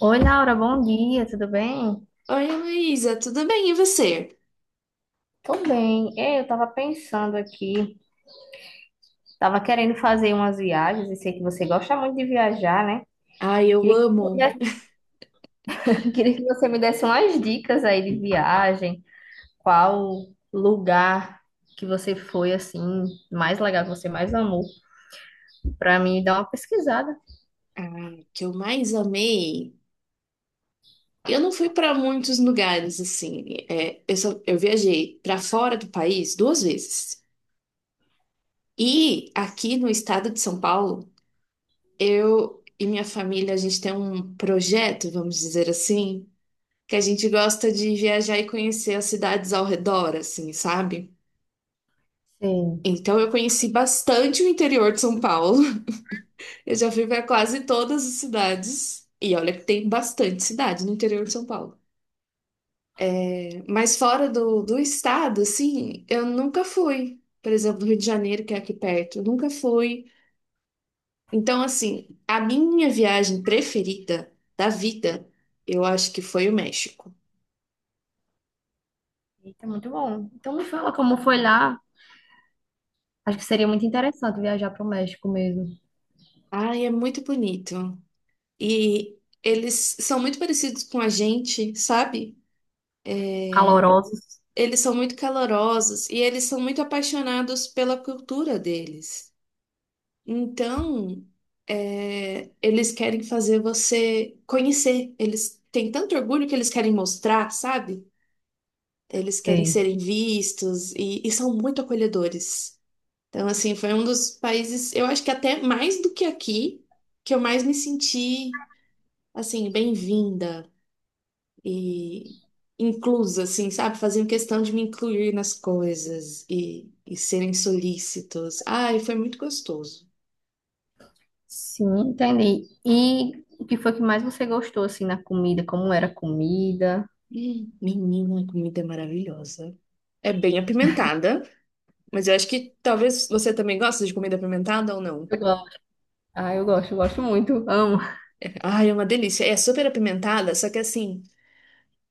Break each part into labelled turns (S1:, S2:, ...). S1: Oi, Laura, bom dia, tudo bem?
S2: Oi, Heloísa, tudo bem? E você?
S1: Tô bem. Ei, eu tava pensando aqui, tava querendo fazer umas viagens e sei que você gosta muito de viajar, né?
S2: Ai, eu
S1: Queria que, você me
S2: amo.
S1: desse- queria que você me desse umas dicas aí de viagem, qual lugar que você foi, assim, mais legal, que você mais amou, pra mim dar uma pesquisada.
S2: O que eu mais amei. Eu não fui para muitos lugares assim. Eu viajei para fora do país duas vezes. E aqui no estado de São Paulo, eu e minha família, a gente tem um projeto, vamos dizer assim, que a gente gosta de viajar e conhecer as cidades ao redor, assim, sabe?
S1: Sim.
S2: Então eu conheci bastante o interior de São Paulo. Eu já fui para quase todas as cidades. E olha que tem bastante cidade no interior de São Paulo. Mas fora do estado, assim, eu nunca fui. Por exemplo, no Rio de Janeiro, que é aqui perto, eu nunca fui. Então, assim, a minha viagem preferida da vida, eu acho que foi o México.
S1: Eita, muito bom. Então me fala como foi lá. Acho que seria muito interessante viajar pro México mesmo.
S2: Ai, é muito bonito. E eles são muito parecidos com a gente, sabe?
S1: Calorosos.
S2: Eles são muito calorosos e eles são muito apaixonados pela cultura deles. Então, eles querem fazer você conhecer. Eles têm tanto orgulho que eles querem mostrar, sabe? Eles querem
S1: Sim.
S2: serem vistos e são muito acolhedores. Então, assim, foi um dos países, eu acho que até mais do que aqui, que eu mais me senti, assim, bem-vinda e inclusa, assim, sabe? Faziam questão de me incluir nas coisas e serem solícitos. Ai, foi muito gostoso.
S1: Sim, entendi. E o que foi que mais você gostou, assim, na comida? Como era a comida?
S2: Menina, a comida é maravilhosa. É bem apimentada, mas eu acho que talvez você também goste de comida apimentada ou não.
S1: Eu gosto. Ah, eu gosto muito. Amo.
S2: Ai, é uma delícia. É super apimentada, só que assim,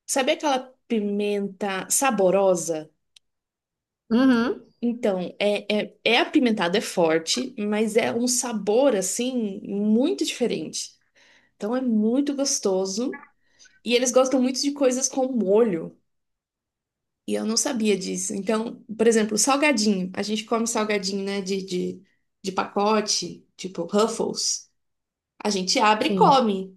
S2: sabe aquela pimenta saborosa?
S1: Uhum,
S2: Então, é apimentado, é forte, mas é um sabor, assim, muito diferente. Então é muito gostoso. E eles gostam muito de coisas com molho. E eu não sabia disso. Então, por exemplo, salgadinho. A gente come salgadinho, né? De pacote, tipo Ruffles. A gente abre e
S1: sim.
S2: come.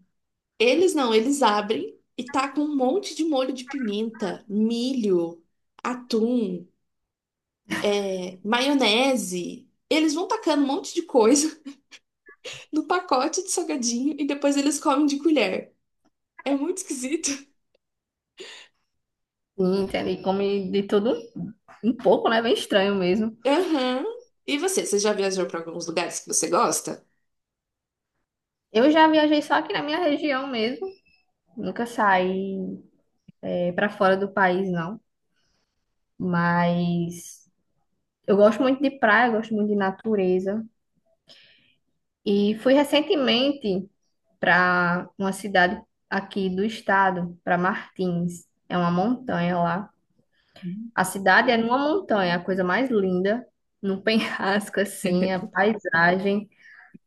S2: Eles não, eles abrem e tá com um monte de molho de pimenta, milho, atum, maionese. Eles vão tacando um monte de coisa no pacote de salgadinho e depois eles comem de colher. É muito esquisito.
S1: Sim, entendi. Come de tudo um pouco, né? Bem estranho mesmo.
S2: Aham. E você já viajou para alguns lugares que você gosta?
S1: Eu já viajei só aqui na minha região mesmo. Nunca saí, para fora do país, não. Mas eu gosto muito de praia, eu gosto muito de natureza. E fui recentemente para uma cidade aqui do estado, para Martins. É uma montanha lá.
S2: Hum,
S1: A cidade é numa montanha, a coisa mais linda, num penhasco assim, a paisagem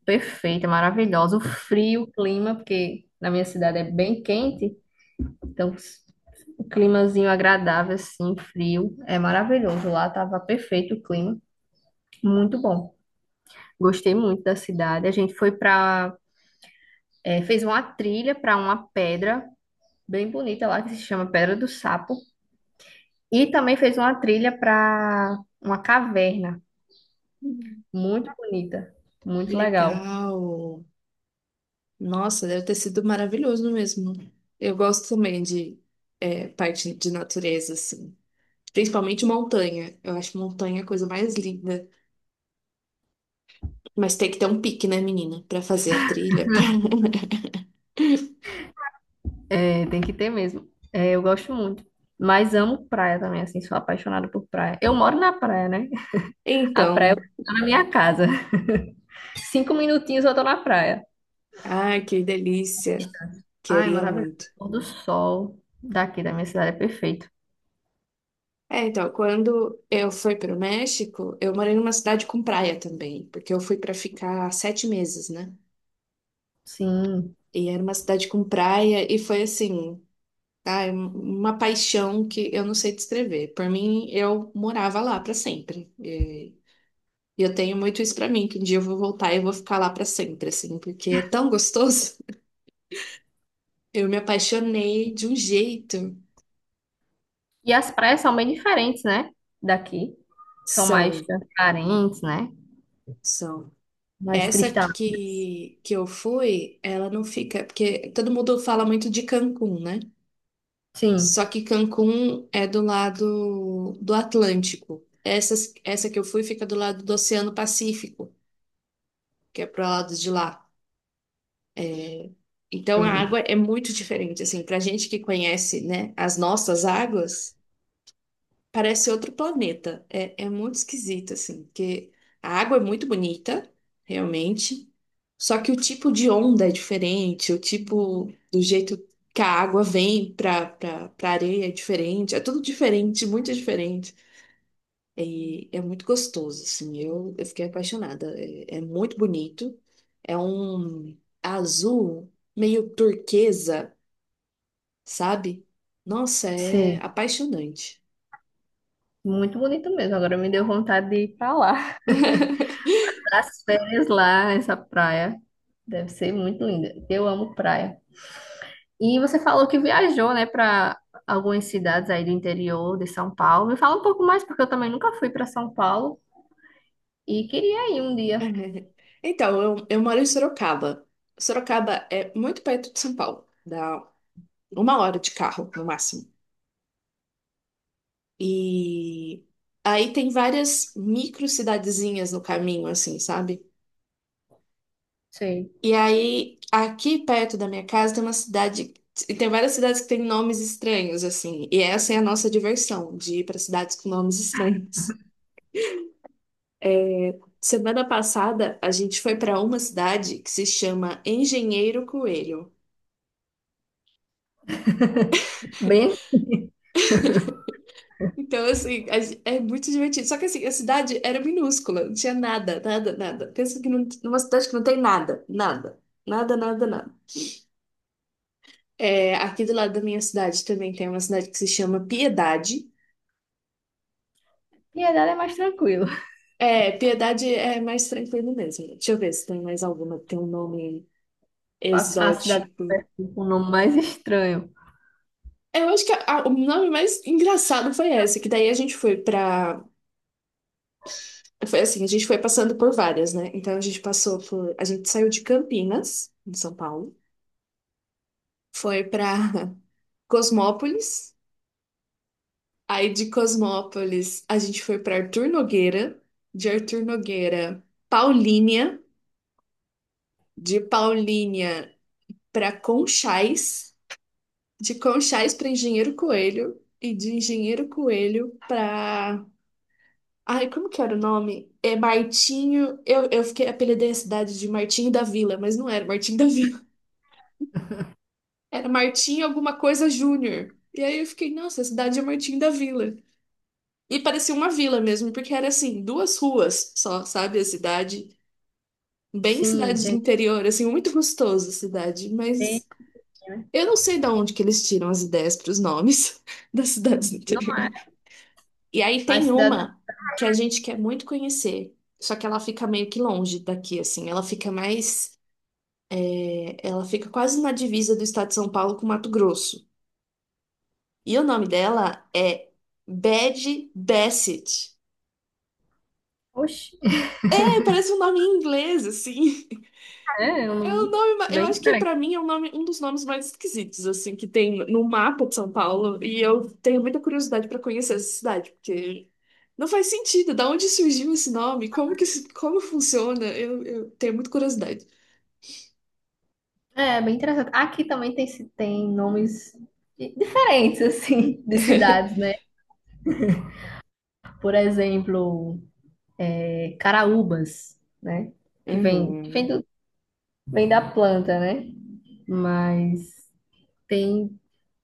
S1: perfeita, maravilhosa. O frio, o clima, porque na minha cidade é bem quente, então o climazinho agradável assim, frio, é maravilhoso. Lá tava perfeito o clima, muito bom. Gostei muito da cidade. A gente foi para, fez uma trilha para uma pedra bem bonita lá que se chama Pedra do Sapo. E também fez uma trilha para uma caverna, muito bonita, muito legal.
S2: Legal. Nossa, deve ter sido maravilhoso mesmo. Eu gosto também de parte de natureza, assim. Principalmente montanha. Eu acho montanha a coisa mais linda. Mas tem que ter um pique, né, menina? Pra fazer a trilha.
S1: É, tem que ter mesmo. É, eu gosto muito. Mas amo praia também, assim, sou apaixonada por praia. Eu moro na praia, né? A praia
S2: Então,
S1: tá na minha casa. Cinco minutinhos eu tô na praia.
S2: ai, que delícia.
S1: Ai,
S2: Queria
S1: maravilhoso.
S2: muito.
S1: O pôr do sol daqui da minha cidade é perfeito.
S2: É, então, quando eu fui para o México, eu morei numa cidade com praia também, porque eu fui para ficar 7 meses, né?
S1: Sim.
S2: E era uma cidade com praia e foi assim, ai, uma paixão que eu não sei descrever. Por mim, eu morava lá para sempre. E eu tenho muito isso para mim, que um dia eu vou voltar e eu vou ficar lá para sempre, assim, porque é tão gostoso. Eu me apaixonei de um jeito.
S1: E as praias são bem diferentes, né? Daqui. São mais
S2: São,
S1: transparentes, né?
S2: são.
S1: Mais
S2: Essa
S1: cristalinas.
S2: que eu fui, ela não fica. Porque todo mundo fala muito de Cancún, né?
S1: Sim,
S2: Só que Cancún é do lado do Atlântico. Essa que eu fui fica do lado do Oceano Pacífico, que é pro lado de lá. É. Então a
S1: sim,
S2: água é muito diferente. Assim, pra gente que conhece, né, as nossas águas. Parece outro planeta. É muito esquisito, assim, porque a água é muito bonita, realmente. Só que o tipo de onda é diferente, o tipo do jeito que a água vem pra areia é diferente. É tudo diferente, muito diferente. E é muito gostoso, assim. Eu fiquei apaixonada. É muito bonito. É um azul meio turquesa, sabe? Nossa, é
S1: sim.
S2: apaixonante.
S1: Muito bonito mesmo. Agora me deu vontade de ir pra lá. As férias lá, essa praia. Deve ser muito linda. Eu amo praia. E você falou que viajou, né, para algumas cidades aí do interior de São Paulo. Me fala um pouco mais, porque eu também nunca fui para São Paulo e queria ir um dia.
S2: Então, eu moro em Sorocaba. Sorocaba é muito perto de São Paulo, dá uma hora de carro, no máximo. E aí tem várias micro cidadezinhas no caminho, assim, sabe?
S1: Sim.
S2: E aí, aqui perto da minha casa tem uma cidade, e tem várias cidades que têm nomes estranhos, assim, e essa é a nossa diversão, de ir para cidades com nomes estranhos. Semana passada, a gente foi para uma cidade que se chama Engenheiro Coelho.
S1: Bem,
S2: Então, assim, a é muito divertido. Só que, assim, a cidade era minúscula, não tinha nada, nada, nada. Pensa que não, numa cidade que não tem nada, nada, nada, nada, nada. Aqui do lado da minha cidade também tem uma cidade que se chama Piedade.
S1: Piedade é mais tranquilo.
S2: É, Piedade é mais tranquilo mesmo. Deixa eu ver se tem mais alguma que tem um nome
S1: A cidade
S2: exótico.
S1: com o nome mais estranho.
S2: É, eu acho que o nome mais engraçado foi esse, que daí a gente foi pra. Foi assim, a gente foi passando por várias, né? Então a gente passou por. A gente saiu de Campinas, em São Paulo. Foi para Cosmópolis. Aí de Cosmópolis a gente foi para Arthur Nogueira, de Arthur Nogueira, Paulínia, de Paulínia para Conchais, de Conchais para Engenheiro Coelho e de Engenheiro Coelho para. Ai, como que era o nome? É Martinho. Eu fiquei apelidei a cidade de Martinho da Vila, mas não era Martinho da Vila. Era Martinho alguma coisa Júnior. E aí eu fiquei, nossa, a cidade é Martinho da Vila. E parecia uma vila mesmo, porque era assim, duas ruas só, sabe? A cidade, bem
S1: Sim,
S2: cidade de
S1: entendi.
S2: interior, assim, muito gostoso a cidade,
S1: Tem,
S2: mas
S1: né?
S2: eu não sei de onde que eles tiram as ideias para os nomes das cidades do
S1: Não,
S2: interior. E aí
S1: a
S2: tem
S1: cidade.
S2: uma que a gente quer muito conhecer, só que ela fica meio que longe daqui, assim, ela fica quase na divisa do estado de São Paulo com Mato Grosso. E o nome dela é Bad Bassett.
S1: Oxe,
S2: É, parece um nome em inglês, assim.
S1: é um
S2: É o
S1: nome
S2: nome, eu
S1: bem
S2: acho que
S1: diferente.
S2: pra mim é um nome, um dos nomes mais esquisitos assim que tem no mapa de São Paulo e eu tenho muita curiosidade pra conhecer essa cidade porque não faz sentido. Da onde surgiu esse nome? Como que como funciona? Eu tenho muita curiosidade.
S1: É, bem interessante. Aqui também tem, tem nomes diferentes, assim, de cidades, né? Por exemplo, Caraúbas, né? Que vem, que vem,
S2: Uhum.
S1: do, vem da planta, né? Mas tem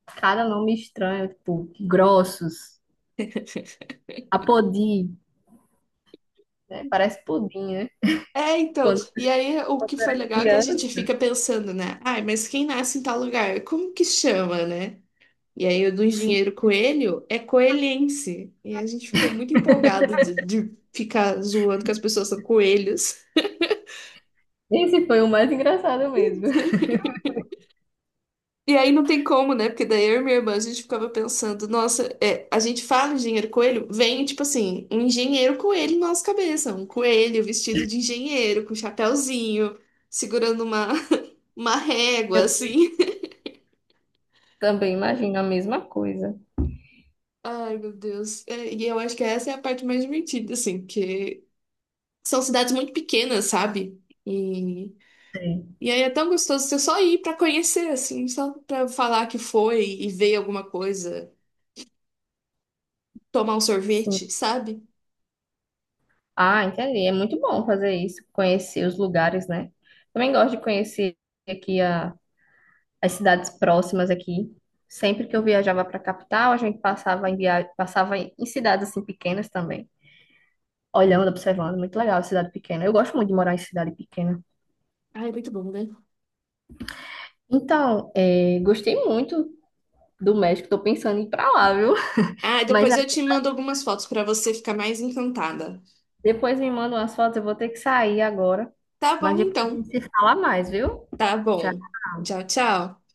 S1: cada nome estranho, tipo, Grossos, Apodi, né? Parece pudim, né?
S2: É, então,
S1: Quando,
S2: e aí o
S1: eu
S2: que foi
S1: era
S2: legal é que a gente
S1: criança.
S2: fica pensando, né? Ai, mas quem nasce em tal lugar? Como que chama, né? E aí, o do
S1: Sim.
S2: engenheiro Coelho é coelhense. E a gente ficou muito empolgado de ficar zoando que as pessoas são coelhos.
S1: Esse foi o mais engraçado mesmo.
S2: E aí não tem como, né? Porque daí eu e minha irmã a gente ficava pensando, nossa, é, a gente fala engenheiro coelho, vem tipo assim, um engenheiro coelho na nossa cabeça, um coelho vestido de engenheiro, com chapéuzinho, segurando uma, uma régua,
S1: Eu
S2: assim.
S1: também imagino a mesma coisa.
S2: Ai, meu Deus. É, e eu acho que essa é a parte mais divertida, assim, que são cidades muito pequenas, sabe? E
S1: Sim.
S2: E aí é tão gostoso você só ir pra conhecer, assim, só pra falar que foi e ver alguma coisa, tomar um
S1: Sim.
S2: sorvete, sabe?
S1: Ah, entendi. É muito bom fazer isso, conhecer os lugares, né? Também gosto de conhecer aqui as cidades próximas aqui. Sempre que eu viajava para a capital, a gente passava passava em cidades assim pequenas também, olhando, observando. Muito legal, cidade pequena. Eu gosto muito de morar em cidade pequena.
S2: Ah, é muito bom, né?
S1: Então, é, gostei muito do México. Tô pensando em ir para lá, viu?
S2: Ah,
S1: Mas
S2: depois
S1: ah,
S2: eu te mando algumas fotos pra você ficar mais encantada.
S1: depois me manda umas fotos. Eu vou ter que sair agora.
S2: Tá
S1: Mas
S2: bom,
S1: depois a gente
S2: então.
S1: se fala mais, viu?
S2: Tá
S1: Tchau.
S2: bom. Tchau, tchau.